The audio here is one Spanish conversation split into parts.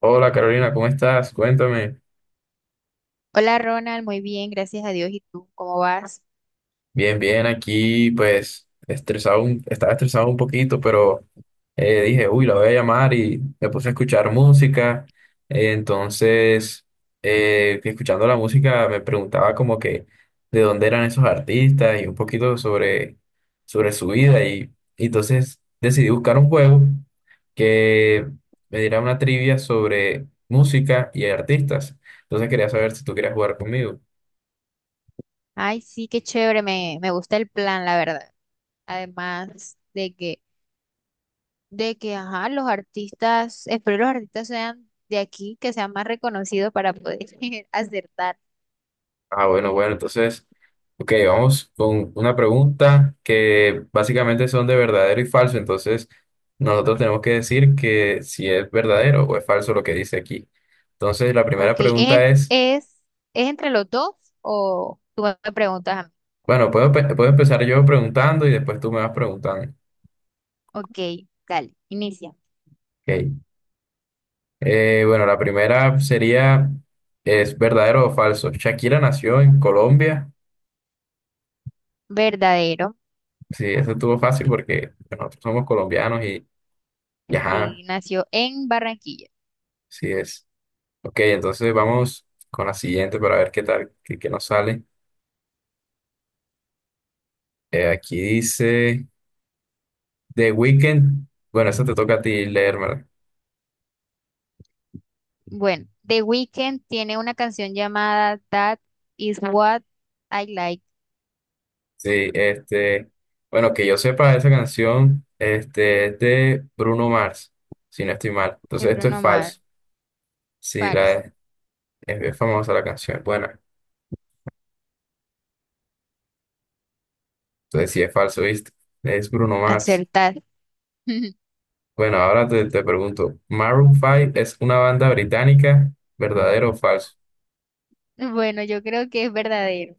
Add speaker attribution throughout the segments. Speaker 1: Hola Carolina, ¿cómo estás? Cuéntame.
Speaker 2: Hola Ronald, muy bien, gracias a Dios. ¿Y tú cómo vas?
Speaker 1: Bien, bien, aquí pues estresado, estaba estresado un poquito, pero dije, uy, la voy a llamar y me puse a escuchar música. Entonces, que escuchando la música me preguntaba como que de dónde eran esos artistas y un poquito sobre su vida. Y entonces decidí buscar un juego que me diera una trivia sobre música y artistas. Entonces quería saber si tú querías jugar conmigo.
Speaker 2: Ay, sí, qué chévere, me gusta el plan, la verdad. Además de que, ajá, espero los artistas sean de aquí, que sean más reconocidos para poder acertar.
Speaker 1: Ah, bueno, entonces, ok, vamos con una pregunta que básicamente son de verdadero y falso, entonces nosotros tenemos que decir que si es verdadero o es falso lo que dice aquí. Entonces, la
Speaker 2: Ok,
Speaker 1: primera pregunta
Speaker 2: ¿en-
Speaker 1: es,
Speaker 2: ¿es, es entre los dos o tú me preguntas a mí?
Speaker 1: bueno, puedo empezar yo preguntando y después tú me vas preguntando.
Speaker 2: Ok, dale, inicia.
Speaker 1: Ok, bueno, la primera sería, ¿es verdadero o falso? Shakira nació en Colombia,
Speaker 2: Verdadero,
Speaker 1: sí, eso estuvo fácil porque nosotros somos colombianos y ajá,
Speaker 2: sí, nació en Barranquilla.
Speaker 1: sí es. Ok, entonces vamos con la siguiente para ver qué tal, qué nos sale. Aquí dice The Weeknd. Bueno, esa te toca a ti leérmela.
Speaker 2: Bueno, The Weeknd tiene una canción llamada That Is What I Like
Speaker 1: Sí, este, bueno, que yo sepa, esa canción este, es de Bruno Mars, si no estoy mal.
Speaker 2: de
Speaker 1: Entonces esto es
Speaker 2: Bruno Mars.
Speaker 1: falso. Sí, la,
Speaker 2: Falso.
Speaker 1: es, es famosa la canción, es buena. Entonces sí es falso, ¿viste? Es Bruno Mars.
Speaker 2: Acertar.
Speaker 1: Bueno, ahora te pregunto, ¿Maroon 5 es una banda británica? ¿Verdadero o falso?
Speaker 2: Bueno, yo creo que es verdadero.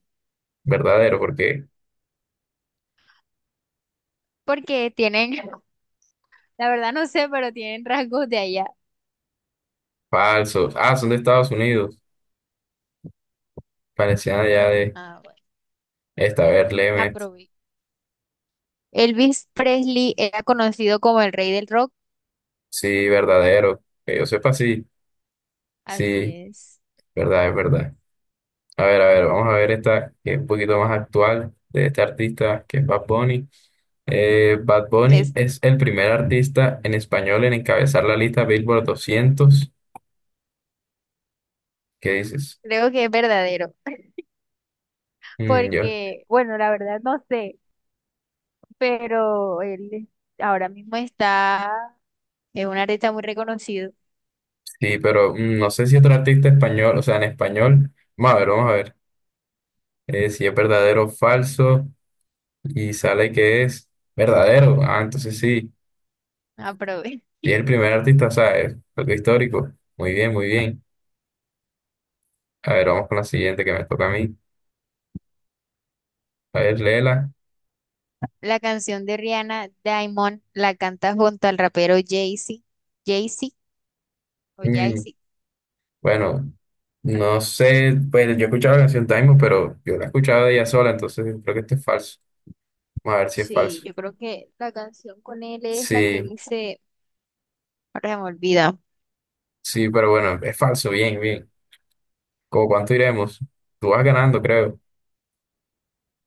Speaker 1: Verdadero, porque...
Speaker 2: Porque tienen, la verdad no sé, pero tienen rasgos de allá.
Speaker 1: Falsos. Ah, son de Estados Unidos. Parecían allá de
Speaker 2: Ah, bueno.
Speaker 1: esta, a ver, léeme.
Speaker 2: Aprobé. Elvis Presley era conocido como el rey del rock.
Speaker 1: Sí, verdadero. Que yo sepa, sí.
Speaker 2: Así
Speaker 1: Sí,
Speaker 2: es.
Speaker 1: verdad, es verdad. A ver, vamos a ver esta que es un poquito más actual de este artista que es Bad Bunny. Bad Bunny
Speaker 2: Es,
Speaker 1: es el primer artista en español en encabezar la lista Billboard 200. ¿Qué dices?
Speaker 2: creo que es verdadero.
Speaker 1: Mm, yo,
Speaker 2: Porque, bueno, la verdad no sé, pero él ahora mismo está, es un artista muy reconocido.
Speaker 1: sí, pero mm, no sé si otro artista español, o sea, en español. Vamos a ver, vamos a ver. Si es verdadero o falso. Y sale que es verdadero. Ah, entonces sí,
Speaker 2: Aprobé.
Speaker 1: y es el primer artista, o sea, es algo histórico. Muy bien, muy bien. A ver, vamos con la siguiente que me toca a mí. A ver, léela.
Speaker 2: La canción de Rihanna, Diamond, la canta junto al rapero Jay-Z. Jay-Z o
Speaker 1: Mm,
Speaker 2: Jay-Z.
Speaker 1: bueno, no sé, pues yo he escuchado la canción Taimo, pero yo la he escuchado de ella sola, entonces creo que esto es falso. Vamos a ver si es
Speaker 2: Sí,
Speaker 1: falso.
Speaker 2: yo creo que la canción con él es la que
Speaker 1: Sí,
Speaker 2: dice, ahora se me olvida.
Speaker 1: sí, pero bueno, es falso, bien, bien. ¿Cómo cuánto iremos? Tú vas ganando, creo.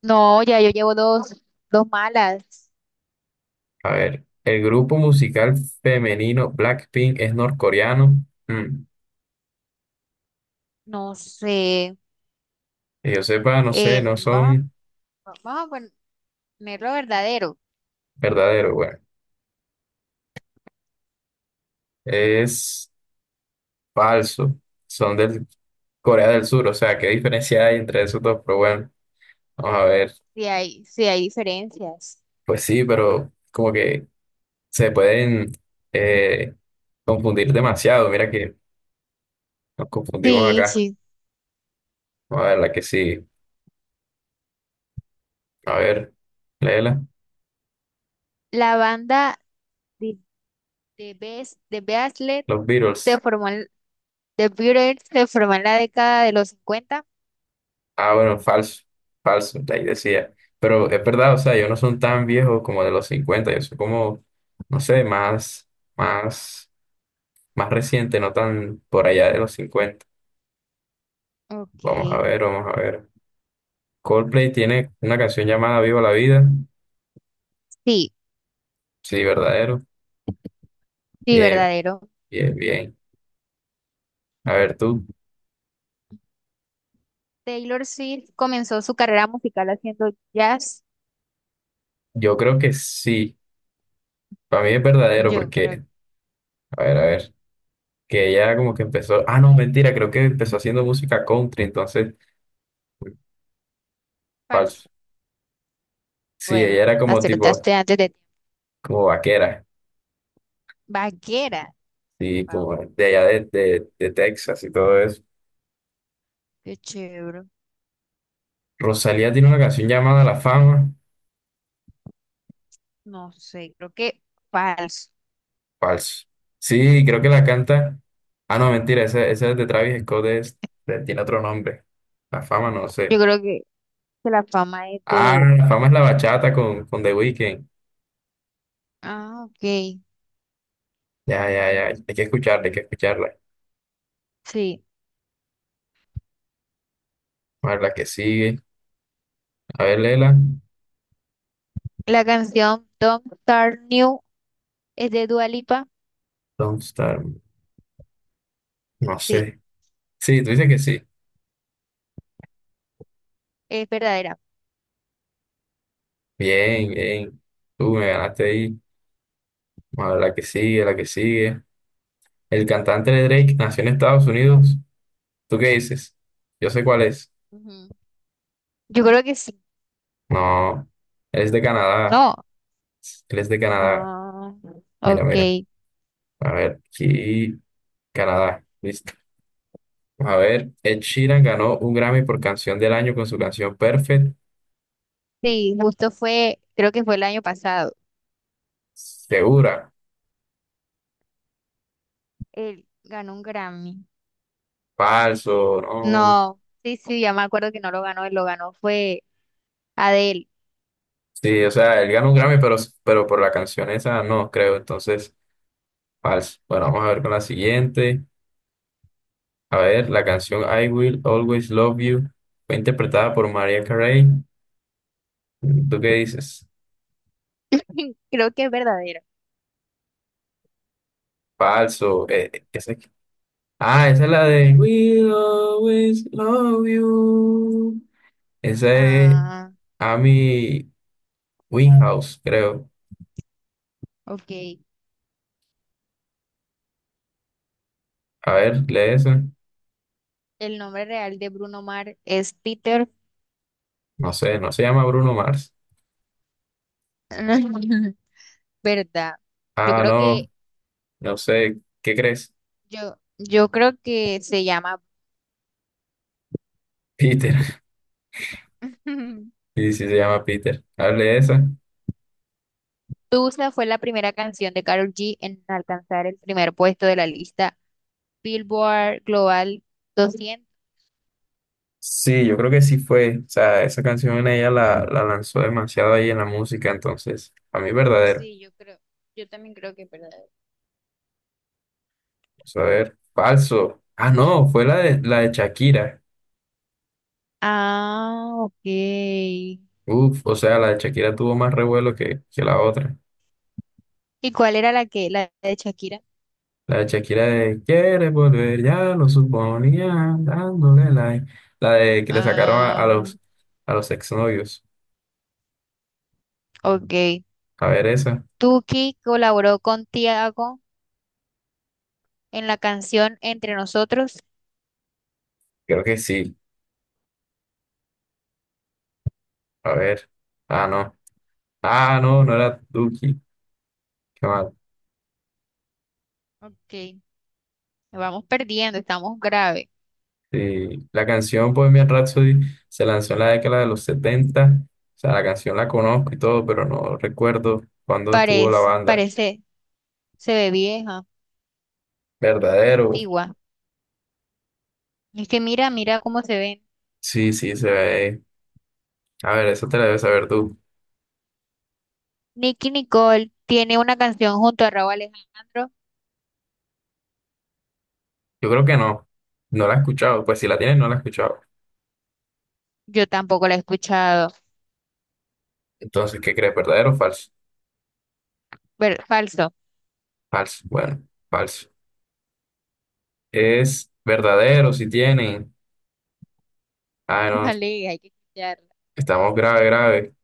Speaker 2: No, ya yo llevo dos malas.
Speaker 1: A ver, el grupo musical femenino Blackpink es norcoreano. Mm,
Speaker 2: No sé.
Speaker 1: que yo sepa, no
Speaker 2: Eh,
Speaker 1: sé, no
Speaker 2: vamos,
Speaker 1: son
Speaker 2: vamos a ponerlo verdadero,
Speaker 1: verdaderos, bueno, es falso, son del Corea del Sur, o sea, ¿qué diferencia hay entre esos dos? Pero bueno, vamos a ver,
Speaker 2: si hay diferencias.
Speaker 1: pues sí, pero como que se pueden eh, confundir demasiado, mira que nos confundimos
Speaker 2: Sí,
Speaker 1: acá,
Speaker 2: sí.
Speaker 1: vamos a ver la que sigue, a ver, léela,
Speaker 2: La banda de, de Bes- de Beastle
Speaker 1: los
Speaker 2: se
Speaker 1: Beatles,
Speaker 2: formó en- de Beatles se formó en la década de los 50.
Speaker 1: ah, bueno, falso, falso, ahí decía, pero es verdad, o sea, ellos no son tan viejos como de los 50 yo soy como, no sé, más. Más reciente, no tan por allá de los 50. Vamos a
Speaker 2: Ok.
Speaker 1: ver, vamos a ver. Coldplay tiene una canción llamada Viva la Vida.
Speaker 2: Sí,
Speaker 1: Sí, verdadero.
Speaker 2: sí,
Speaker 1: Bien,
Speaker 2: verdadero.
Speaker 1: bien, bien. A ver, tú,
Speaker 2: Taylor Swift comenzó su carrera musical haciendo jazz.
Speaker 1: yo creo que sí. Para mí es verdadero
Speaker 2: Yo creo que
Speaker 1: porque, a ver, que ella como que empezó, ah, no, mentira, creo que empezó haciendo música country, entonces, falso.
Speaker 2: falso.
Speaker 1: Sí, ella
Speaker 2: Bueno,
Speaker 1: era como tipo,
Speaker 2: acertaste antes de
Speaker 1: como vaquera,
Speaker 2: Vaquera.
Speaker 1: sí,
Speaker 2: Wow,
Speaker 1: como de allá de Texas y todo eso.
Speaker 2: qué chévere.
Speaker 1: Rosalía tiene una canción llamada La Fama.
Speaker 2: No sé, creo que falso.
Speaker 1: Falso. Sí, creo que la canta. Ah, no, mentira, esa es de Travis Scott, tiene otro nombre. La fama, no sé.
Speaker 2: Yo creo que la fama es
Speaker 1: Ah,
Speaker 2: de.
Speaker 1: la fama es la bachata con The Weeknd.
Speaker 2: Ah, ok.
Speaker 1: Ya, ya, ya. Hay que escucharla, hay que escucharla.
Speaker 2: Sí.
Speaker 1: A ver, la que sigue. A ver, Lela.
Speaker 2: La canción Don't Start New es de Dua Lipa.
Speaker 1: Don't Start Me. No
Speaker 2: Sí,
Speaker 1: sé. Sí, tú dices que sí.
Speaker 2: es verdadera.
Speaker 1: Bien, bien. Tú me ganaste ahí. A ver, la que sigue, la que sigue. El cantante de Drake nació en Estados Unidos. ¿Tú qué dices? Yo sé cuál es.
Speaker 2: Ujú. Yo creo que sí.
Speaker 1: No, él es de Canadá.
Speaker 2: No.
Speaker 1: Él es de Canadá.
Speaker 2: Ah,
Speaker 1: Mira, mira.
Speaker 2: ok.
Speaker 1: A ver, aquí, Canadá. Listo. A ver, Ed Sheeran ganó un Grammy por canción del año con su canción Perfect.
Speaker 2: Sí, justo fue, creo que fue el año pasado.
Speaker 1: Segura.
Speaker 2: Él ganó un Grammy.
Speaker 1: Falso, no.
Speaker 2: No, sí, sí, ya me acuerdo que no lo ganó, él lo ganó fue Adele.
Speaker 1: Sí, o sea, él ganó un Grammy, pero por la canción esa no, creo. Entonces, falso. Bueno, vamos a ver con la siguiente. A ver, la canción I Will Always Love You fue interpretada por Mariah Carey. ¿Tú qué dices?
Speaker 2: Creo que es verdadero.
Speaker 1: Falso. Esa... Ah, esa es la de We'll always love you. Esa es
Speaker 2: Ah,
Speaker 1: Amy Winehouse, creo.
Speaker 2: ok.
Speaker 1: A ver, lee esa.
Speaker 2: El nombre real de Bruno Mars es Peter.
Speaker 1: No sé, no se llama Bruno Mars.
Speaker 2: ¿Verdad? Yo
Speaker 1: Ah,
Speaker 2: creo
Speaker 1: no,
Speaker 2: que,
Speaker 1: no sé. ¿Qué crees?
Speaker 2: yo creo que se llama.
Speaker 1: Peter. Sí, sí se llama Peter. A ver, lee esa.
Speaker 2: Tusa fue la primera canción de Karol G en alcanzar el primer puesto de la lista Billboard Global 200.
Speaker 1: Sí, yo creo que sí fue. O sea, esa canción ella la lanzó demasiado ahí en la música, entonces, a mí verdadero.
Speaker 2: Sí, yo creo, yo también creo que es verdad.
Speaker 1: Vamos a ver, falso. Ah, no, fue la la de Shakira.
Speaker 2: Ah, ok. ¿Y
Speaker 1: Uf, o sea, la de Shakira tuvo más revuelo que la otra.
Speaker 2: cuál era la que, la de Shakira?
Speaker 1: La de Shakira de quiere volver, ya lo suponía, dándole like. La de que le sacaron
Speaker 2: Ah,
Speaker 1: a los exnovios.
Speaker 2: ok.
Speaker 1: A ver esa.
Speaker 2: Tuki colaboró con Tiago en la canción Entre Nosotros.
Speaker 1: Creo que sí. A ver. Ah, no. Ah, no era Duki. Qué mal.
Speaker 2: Ok, vamos perdiendo, estamos grave.
Speaker 1: Sí. La canción pues, Bohemian Rhapsody se lanzó en la década de los 70. O sea, la canción la conozco y todo, pero no recuerdo cuándo estuvo la
Speaker 2: Parece,
Speaker 1: banda.
Speaker 2: parece, se ve vieja, se ve
Speaker 1: Verdadero.
Speaker 2: antigua. Es que mira, mira cómo se ven.
Speaker 1: Sí, sí, se ve. A ver, eso te la debes saber tú.
Speaker 2: Nicki Nicole tiene una canción junto a Raúl Alejandro.
Speaker 1: Yo creo que no. No la he escuchado. Pues si la tienes, no la he escuchado.
Speaker 2: Yo tampoco la he escuchado.
Speaker 1: Entonces, ¿qué crees? ¿Verdadero o falso?
Speaker 2: Ver- falso.
Speaker 1: Falso. Bueno, falso. Es verdadero si tienen. Ah, no.
Speaker 2: Vale, hay que escucharla.
Speaker 1: Estamos grave, grave.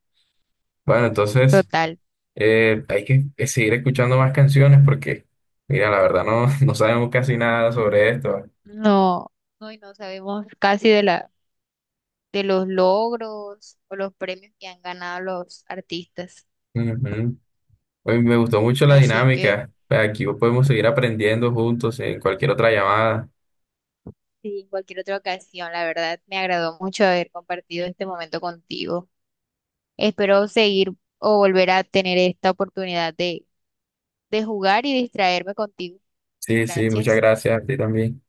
Speaker 1: Bueno, entonces
Speaker 2: Total.
Speaker 1: hay que seguir escuchando más canciones porque, mira, la verdad no, no sabemos casi nada sobre esto.
Speaker 2: No, no, y no sabemos casi de los logros o los premios que han ganado los artistas.
Speaker 1: Ujú. Oye, me gustó mucho la
Speaker 2: Así que
Speaker 1: dinámica. Pues, aquí podemos seguir aprendiendo juntos en cualquier otra llamada.
Speaker 2: sí, en cualquier otra ocasión, la verdad, me agradó mucho haber compartido este momento contigo. Espero seguir o volver a tener esta oportunidad de, jugar y distraerme contigo.
Speaker 1: Sí, sí, muchas
Speaker 2: Gracias.
Speaker 1: gracias a ti también.